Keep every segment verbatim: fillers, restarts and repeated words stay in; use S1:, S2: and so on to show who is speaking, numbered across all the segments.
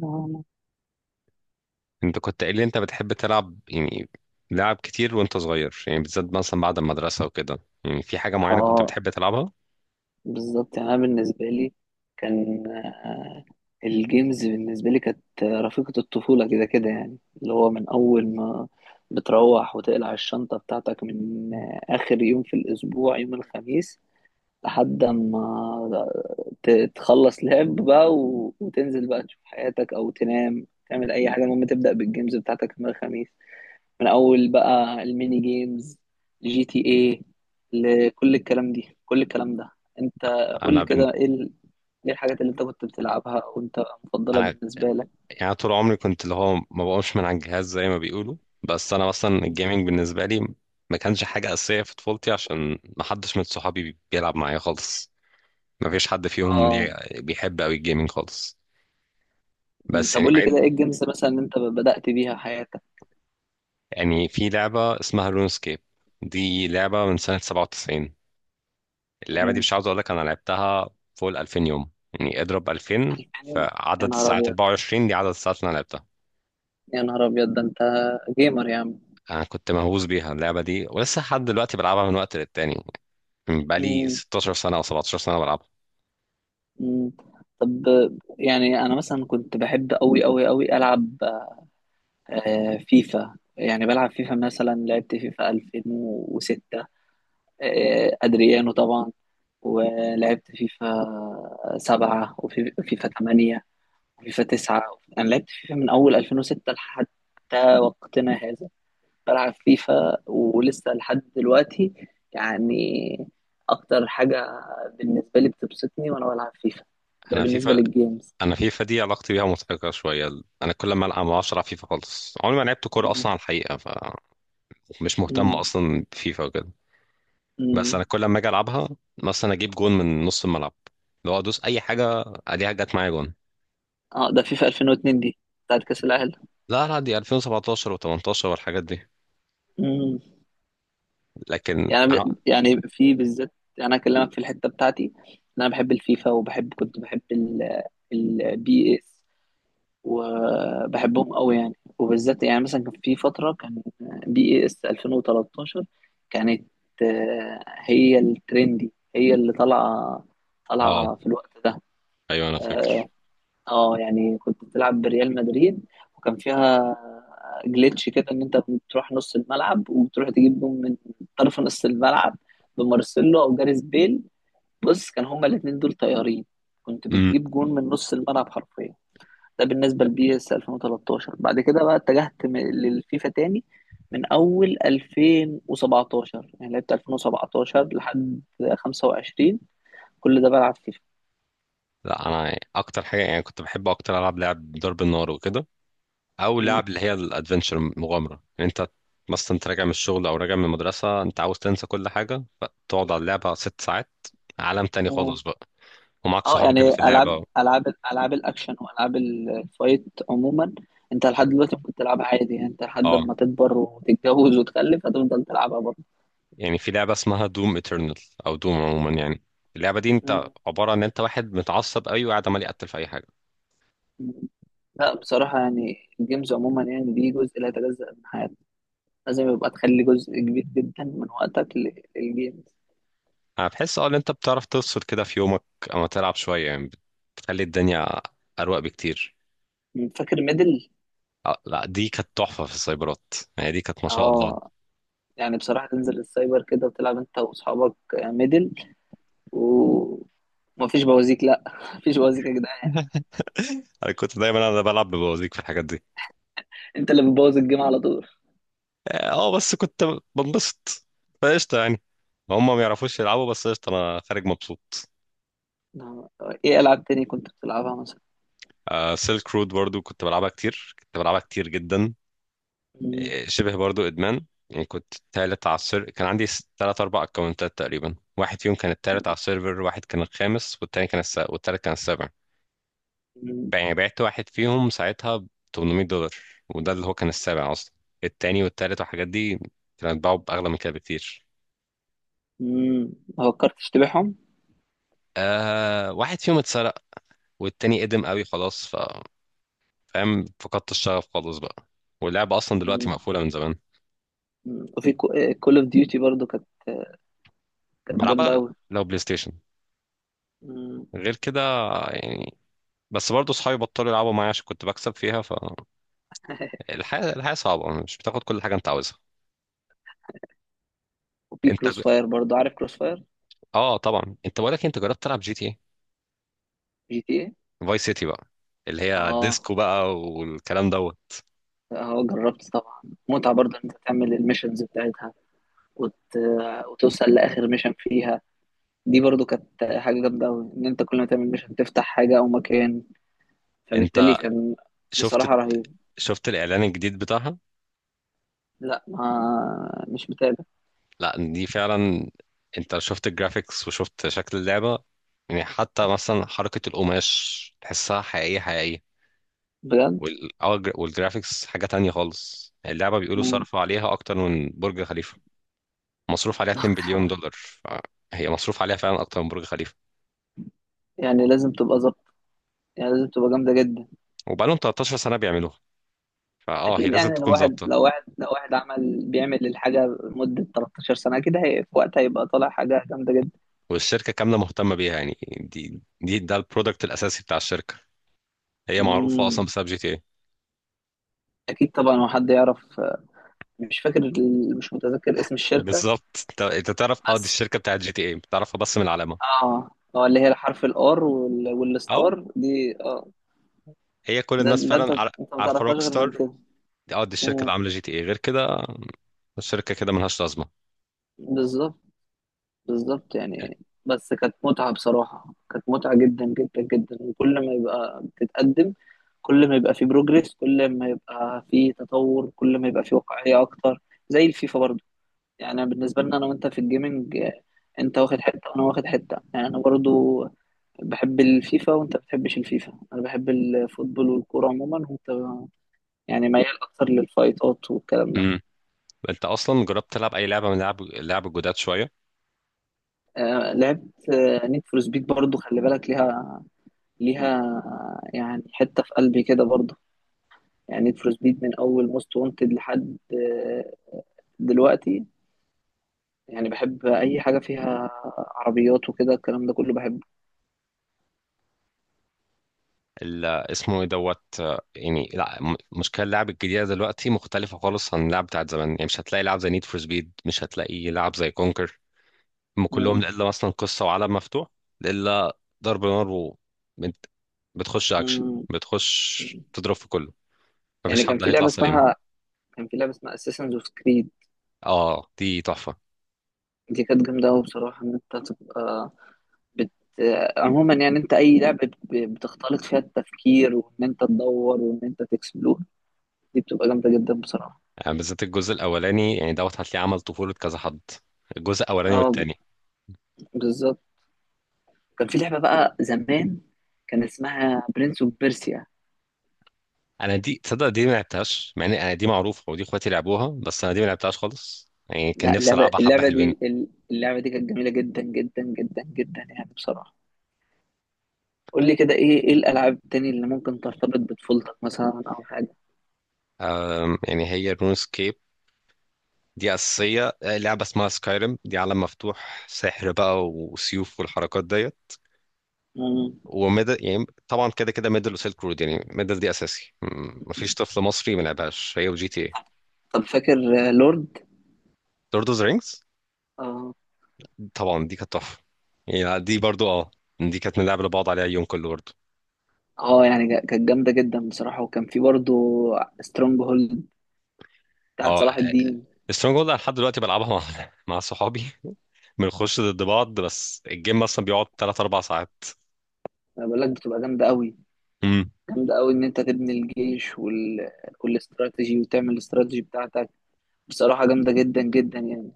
S1: نعم.
S2: انت كنت قايل لي انت بتحب تلعب، يعني لعب كتير وانت صغير؟ يعني بالذات مثلا بعد المدرسة وكده، يعني في حاجة معينة كنت
S1: اه،
S2: بتحب تلعبها؟
S1: بالظبط. يعني انا بالنسبه لي كان آه، الجيمز بالنسبه لي كانت رفيقه الطفوله، كده كده، يعني اللي هو من اول ما بتروح وتقلع الشنطه بتاعتك من آه، اخر يوم في الاسبوع، يوم الخميس، لحد ما ت- تخلص لعب بقى و- وتنزل بقى تشوف حياتك او تنام، تعمل اي حاجه، المهم تبدا بالجيمز بتاعتك يوم الخميس، من اول بقى الميني جيمز، جي تي ايه، لكل الكلام دي، كل الكلام ده. انت قول
S2: انا
S1: لي
S2: بن...
S1: كده ايه ال- ايه الحاجات اللي انت كنت بتلعبها وانت مفضله
S2: انا،
S1: بالنسبه لك.
S2: يعني طول عمري كنت اللي هو ما بقومش من على الجهاز زي ما بيقولوا. بس انا مثلا الجيمنج بالنسبة لي ما كانش حاجة أساسية في طفولتي، عشان ما حدش من صحابي بيلعب معايا خالص. ما فيش حد فيهم
S1: اه،
S2: ليه بيحب قوي الجيمنج خالص. بس
S1: طب
S2: يعني
S1: قول لي
S2: بعيد.
S1: كده ايه الجيمز مثلا اللي انت بدأت بيها حياتك.
S2: يعني في لعبة اسمها لونسكيب، دي لعبة من سنة سبعة وتسعين. اللعبة دي
S1: مم.
S2: مش عاوز اقول لك انا لعبتها فوق ال ألفين يوم. يعني اضرب ألفين
S1: يعني يا
S2: فعدد
S1: نهار
S2: الساعات
S1: ابيض،
S2: أربع وعشرين، دي عدد الساعات اللي انا لعبتها.
S1: يا نهار ابيض، ده انت جيمر يا عم.
S2: انا كنت مهووس بيها اللعبة دي، ولسه لحد دلوقتي بلعبها من وقت للتاني، من بقالي
S1: مم.
S2: ستاشر سنة او سبعتاشر سنة بلعبها.
S1: مم. طب، يعني انا مثلا كنت بحب قوي قوي قوي العب آه، فيفا. يعني بلعب فيفا، مثلا لعبت فيفا ألفين وستة، آه، أدريانو طبعا. ولعبت فيفا سبعة وفيفا تمانية وفيفا تسعة. أنا لعبت فيفا من أول ألفين وستة لحد وقتنا هذا، بلعب فيفا ولسه لحد دلوقتي. يعني أكتر حاجة بالنسبة لي بتبسطني وأنا بلعب فيفا. ده
S2: انا
S1: بالنسبة
S2: فيفا،
S1: للجيمز.
S2: انا فيفا دي علاقتي بيها مضحكة شوية. انا كل ما العب ما اعرفش العب فيفا خالص. عمري ما لعبت كورة
S1: مم.
S2: اصلا على الحقيقة، فمش مهتم
S1: مم.
S2: اصلا بفيفا وكده. بس
S1: مم.
S2: انا كل ما اجي العبها مثلا اجيب جون من نص الملعب، لو ادوس اي حاجة اديها جت معايا جون.
S1: اه، ده فيفا ألفين واتنين دي بتاعت كأس العالم.
S2: لا، لا، دي ألفين وسبعة عشر و18 والحاجات دي.
S1: مم.
S2: لكن
S1: يعني
S2: اه
S1: يعني في بالذات، يعني انا اكلمك في الحته بتاعتي إن انا بحب الفيفا، وبحب كنت بحب ال البي اس وبحبهم قوي. يعني وبالذات، يعني مثلا كان في فتره، كان بي اس ألفين وتلتاشر كانت آه، هي الترندي، هي اللي طالعه
S2: آه،
S1: طالعه في الوقت ده.
S2: ايوه انا فاكر.
S1: اه، يعني كنت بتلعب بريال مدريد وكان فيها جليتش كده ان انت بتروح نص الملعب وبتروح تجيب جون من طرف نص الملعب بمارسيلو او جاريث بيل. بص، كان هما الاثنين دول طيارين. كنت
S2: امم
S1: بتجيب جون من نص الملعب حرفيا. ده بالنسبه لبي اس ألفين وتلتاشر. بعد كده بقى اتجهت م- للفيفا تاني من اول ألفين وسبعتاشر. يعني لعبت ألفين وسبعة عشر لحد خمسة وعشرين، كل ده بلعب فيفا.
S2: لا، انا اكتر حاجه يعني كنت بحب اكتر العب لعب ضرب النار وكده، او
S1: مم.
S2: لعب اللي هي الادفنتشر مغامره. يعني انت مثلا، انت راجع من الشغل او راجع من المدرسه، انت عاوز تنسى كل حاجه فتقعد على اللعبه ست ساعات، عالم تاني خالص بقى، ومعاك
S1: اه،
S2: صحابك اللي
S1: يعني
S2: في اللعبه.
S1: العاب العاب العاب الاكشن والعاب الفايت عموما، انت لحد دلوقتي ممكن تلعبها عادي. يعني انت لحد
S2: اه.
S1: ما تكبر وتتجوز وتخلف هتفضل تلعبها برضه.
S2: يعني في لعبه اسمها دوم ايترنال، او دوم عموما يعني. اللعبه دي انت
S1: مم.
S2: عباره عن ان انت واحد متعصب قوي وقاعد عمال يقتل في اي حاجه.
S1: لا، بصراحة يعني الجيمز عموما يعني دي جزء لا يتجزأ من حياتك. لازم يبقى تخلي جزء كبير جدا من وقتك لل- للجيمز.
S2: انا بحس اه ان انت بتعرف تفصل كده في يومك، اما تلعب شويه يعني، بتخلي الدنيا اروق بكتير.
S1: مم. فاكر ميدل؟
S2: آه، لا، دي كانت تحفه في السايبرات. يعني دي كانت ما شاء الله.
S1: اه، يعني بصراحة تنزل السايبر كده وتلعب انت واصحابك آه، ميدل. ومفيش بوازيك، لا. مفيش بوازيك يا جدعان.
S2: انا كنت دايما انا بلعب ببوازيك في الحاجات دي.
S1: انت اللي بتبوظ الجيم على طول.
S2: اه، آه، بس كنت بنبسط، فقشطه يعني. هم ما يعرفوش يلعبوا، بس قشطه انا خارج مبسوط.
S1: نعم. ايه العاب تاني كنت بتلعبها مثلا؟
S2: آه سيلك رود برضو كنت بلعبها كتير، كنت بلعبها كتير جدا.
S1: مم.
S2: شبه برضو ادمان يعني. كنت تالت على السيرفر، كان عندي س- تلات اربع اكونتات تقريبا. واحد فيهم كان التالت على السيرفر، واحد كان الخامس، والتاني كان الس... والتالت كان السابع.
S1: مم.
S2: بع- يعني بعت واحد فيهم ساعتها ب تمنمية دولار، وده اللي هو كان السابع اصلا. التاني والتالت والحاجات دي كانوا بيتباعوا باغلى من كده بكتير.
S1: مم. ما فكرتش تبيعهم؟
S2: آه، واحد فيهم اتسرق، والتاني قدم قوي خلاص، ف فاهم، فقدت الشغف خالص بقى. واللعبة اصلا دلوقتي
S1: مم.
S2: مقفولة من زمان.
S1: مم. وفي كول اوف ديوتي برضو كانت كانت جامده
S2: بلعبها
S1: قوي.
S2: لو بلاي ستيشن، غير كده يعني. بس برضه صحابي بطلوا يلعبوا معايا عشان كنت بكسب فيها. فالحياة، الحياة صعبة، مش بتاخد كل حاجة انت عاوزها.
S1: وفي
S2: انت
S1: كروس
S2: ج-
S1: فاير برضو، عارف كروس فاير؟
S2: اه طبعا، انت بقولك انت جربت تلعب جي تي ايه
S1: جي تي ايه.
S2: فاي سيتي بقى، اللي هي
S1: اه،
S2: ديسكو بقى والكلام دوت.
S1: اه جربت طبعا. متعه برضو ان انت تعمل الميشنز بتاعتها وت... وتوصل لاخر ميشن فيها. دي برضو كانت حاجه جامده قوي، ان انت كل ما تعمل ميشن تفتح حاجه او مكان، فبالتالي
S2: انت
S1: كان
S2: شفت
S1: بصراحه رهيب.
S2: شفت الاعلان الجديد بتاعها؟
S1: لا، ما مش بتاع.
S2: لا، دي فعلا. انت شفت الجرافيكس وشفت شكل اللعبة؟ يعني حتى مثلا حركة القماش تحسها حقيقية حقيقية.
S1: بجد.
S2: وال... اه، والجرافيكس حاجة تانية خالص. اللعبة بيقولوا
S1: مم.
S2: صرفوا عليها أكتر من برج خليفة. مصروف عليها اتنين بليون دولار، فهي مصروف عليها فعلا اكتر من برج خليفه.
S1: يعني لازم تبقى ظابطة، يعني لازم تبقى جامدة جدا.
S2: وبقالهم تلتاشر سنه بيعملوها، فاه هي
S1: أكيد.
S2: لازم
S1: يعني لو
S2: تكون
S1: واحد
S2: ظابطه.
S1: لو واحد لو واحد عمل بيعمل الحاجة لمدة 13 سنة أكيد هي في وقتها هيبقى طالع حاجة جامدة جدا.
S2: والشركه كامله مهتمه بيها. يعني دي دي ده البرودكت الاساسي بتاع الشركه. هي معروفه اصلا
S1: مم.
S2: بسبب جي تي اي.
S1: أكيد طبعا. هو حد يعرف؟ مش فاكر ال- مش متذكر اسم الشركة
S2: بالظبط، انت أنت تعرف، اه دي
S1: بس.
S2: الشركه بتاعت جي تي اي، بتعرفها بس من العلامه.
S1: اه، اه، اللي هي حرف الار
S2: اه.
S1: والستار دي. اه،
S2: هي كل
S1: ده
S2: الناس
S1: ده انت،
S2: فعلا عار-
S1: انت ما
S2: عارفه
S1: تعرفهاش
S2: روك
S1: غير من
S2: ستار.
S1: كده.
S2: اه دي الشركه
S1: مم.
S2: اللي عامله جي تي اي، غير كده الشركه كده ملهاش لازمه.
S1: بالظبط، بالظبط. يعني بس كانت متعة بصراحة، كانت متعة جدا جدا جدا. وكل ما يبقى بتتقدم، كل ما يبقى في بروجريس، كل ما يبقى في تطور، كل ما يبقى في واقعية أكتر، زي الفيفا برضو. يعني أنا بالنسبة لنا أنا وأنت في الجيمنج آه، أنت واخد حتة وأنا واخد حتة. يعني أنا برضو بحب الفيفا وأنت بتحبش الفيفا. أنا بحب الفوتبول والكورة عموما، وأنت يعني ميال أكتر للفايتات والكلام ده.
S2: امم. انت اصلا جربت تلعب اي لعبه من لعب لعب الجداد شويه؟
S1: آه، لعبت نيد فور سبيد برضو، خلي بالك ليها. ليها يعني حتة في قلبي كده برضه. يعني نيد فور سبيد من أول موست وانتد لحد آه، دلوقتي. يعني بحب أي حاجة فيها عربيات وكده، الكلام ده كله بحبه.
S2: ال- اسمه ايه دوت، آه، يعني لا م- مشكله اللعب الجديده دلوقتي مختلفه خالص عن اللعب بتاعت زمان. يعني مش هتلاقي لعب زي نيد فور سبيد، مش هتلاقي لعب زي كونكر. هم كلهم
S1: مم.
S2: الا مثلا قصه وعالم مفتوح، الا ضرب نار و بت- بتخش اكشن،
S1: مم.
S2: بتخش تضرب في كله،
S1: يعني
S2: مفيش
S1: كان
S2: حد
S1: في
S2: هيطلع
S1: لعبة
S2: سليم.
S1: اسمها كان في لعبة اسمها اساسنز اوف كريد.
S2: اه، دي تحفه.
S1: دي كانت جامدة أوي بصراحة، إن أنت تبقى بت... عموما، يعني أنت أي لعبة ب- بتختلط فيها التفكير وإن أنت تدور وإن أنت تكسبلور، دي بتبقى جامدة جدا بصراحة.
S2: يعني بالذات الجزء الاولاني، يعني دوت هتلاقيه عمل طفوله كذا حد، الجزء الاولاني
S1: اه،
S2: والتاني.
S1: بالظبط. كان في لعبة بقى زمان، كان اسمها برنس اوف بيرسيا.
S2: انا دي تصدق دي ما لعبتهاش، مع ان انا دي معروفه ودي اخواتي لعبوها، بس انا دي ما لعبتهاش خالص. يعني كان
S1: لا،
S2: نفسي
S1: اللعبة
S2: العبها، حبه
S1: اللعبة
S2: حلوين.
S1: دي اللعبة دي كانت جميلة جدا جدا جدا جدا، يعني بصراحة. قول لي كده ايه، ايه الألعاب التانية اللي ممكن ترتبط بطفولتك مثلا أو حاجة.
S2: أم، يعني هي رون سكيب دي اساسيه. آه، لعبه اسمها سكايرم، دي عالم مفتوح سحر بقى وسيوف والحركات ديت.
S1: مم.
S2: وميدل، يعني طبعا كده كده، ميدل وسيلك رود. يعني ميدل دي اساسي، م- مفيش طفل مصري ما لعبهاش، هي وجي تي اي.
S1: طب فاكر آه، لورد؟
S2: لورد اوف ذا رينجز.
S1: اه،
S2: طبعا دي كانت تحفه. يعني دي برضو اه دي كانت بنلعب لبعض عليها يوم كله برضو.
S1: اه. يعني جا- كانت جامدة جدا بصراحة. وكان في برضه سترونج هولد بتاعت
S2: اه،
S1: صلاح الدين.
S2: سترونج هولد، أنا لحد دلوقتي بلعبها مع مع صحابي. بنخش ضد بعض، بس الجيم مثلا بيقعد ثلاثة أربعة ساعات.
S1: انا بقول لك بتبقى جامدة قوي،
S2: امم.
S1: جامدة قوي، ان انت تبني الجيش وال... والاستراتيجي، وتعمل الاستراتيجي بتاعتك. بصراحة جامدة جدا جدا يعني.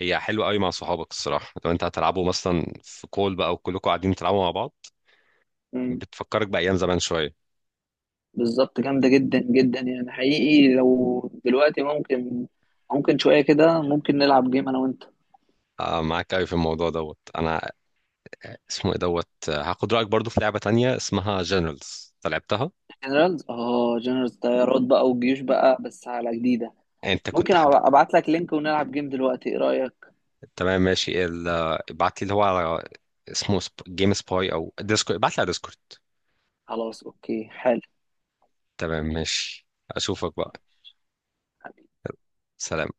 S2: هي حلوه قوي مع صحابك الصراحه. لو انت هتلعبوا مثلا في كول بقى وكلكم قاعدين تلعبوا مع بعض،
S1: مم.
S2: بتفكرك بايام زمان شويه.
S1: بالظبط، جامدة جدا جدا يعني. حقيقي لو دلوقتي ممكن، ممكن شوية كده، ممكن نلعب جيم أنا وأنت.
S2: آه معاك قوي في الموضوع دوت. انا اسمه ايه دوت، آه، هاخد رايك برضو في لعبه تانية اسمها جنرالز، انت لعبتها؟
S1: جنرالز. اه، جنرالز، طيارات بقى وجيوش بقى، بس على جديدة.
S2: انت كنت
S1: ممكن
S2: حب...
S1: أبعت لك لينك ونلعب جيم دلوقتي، إيه رأيك؟
S2: تمام ماشي ال... ابعت لي اللي هو على، اسمه سب... جيم سباي او ديسكورد، ابعت لي على ديسكورد.
S1: خلاص، أوكي، حلو
S2: تمام ماشي، اشوفك بقى. سلام.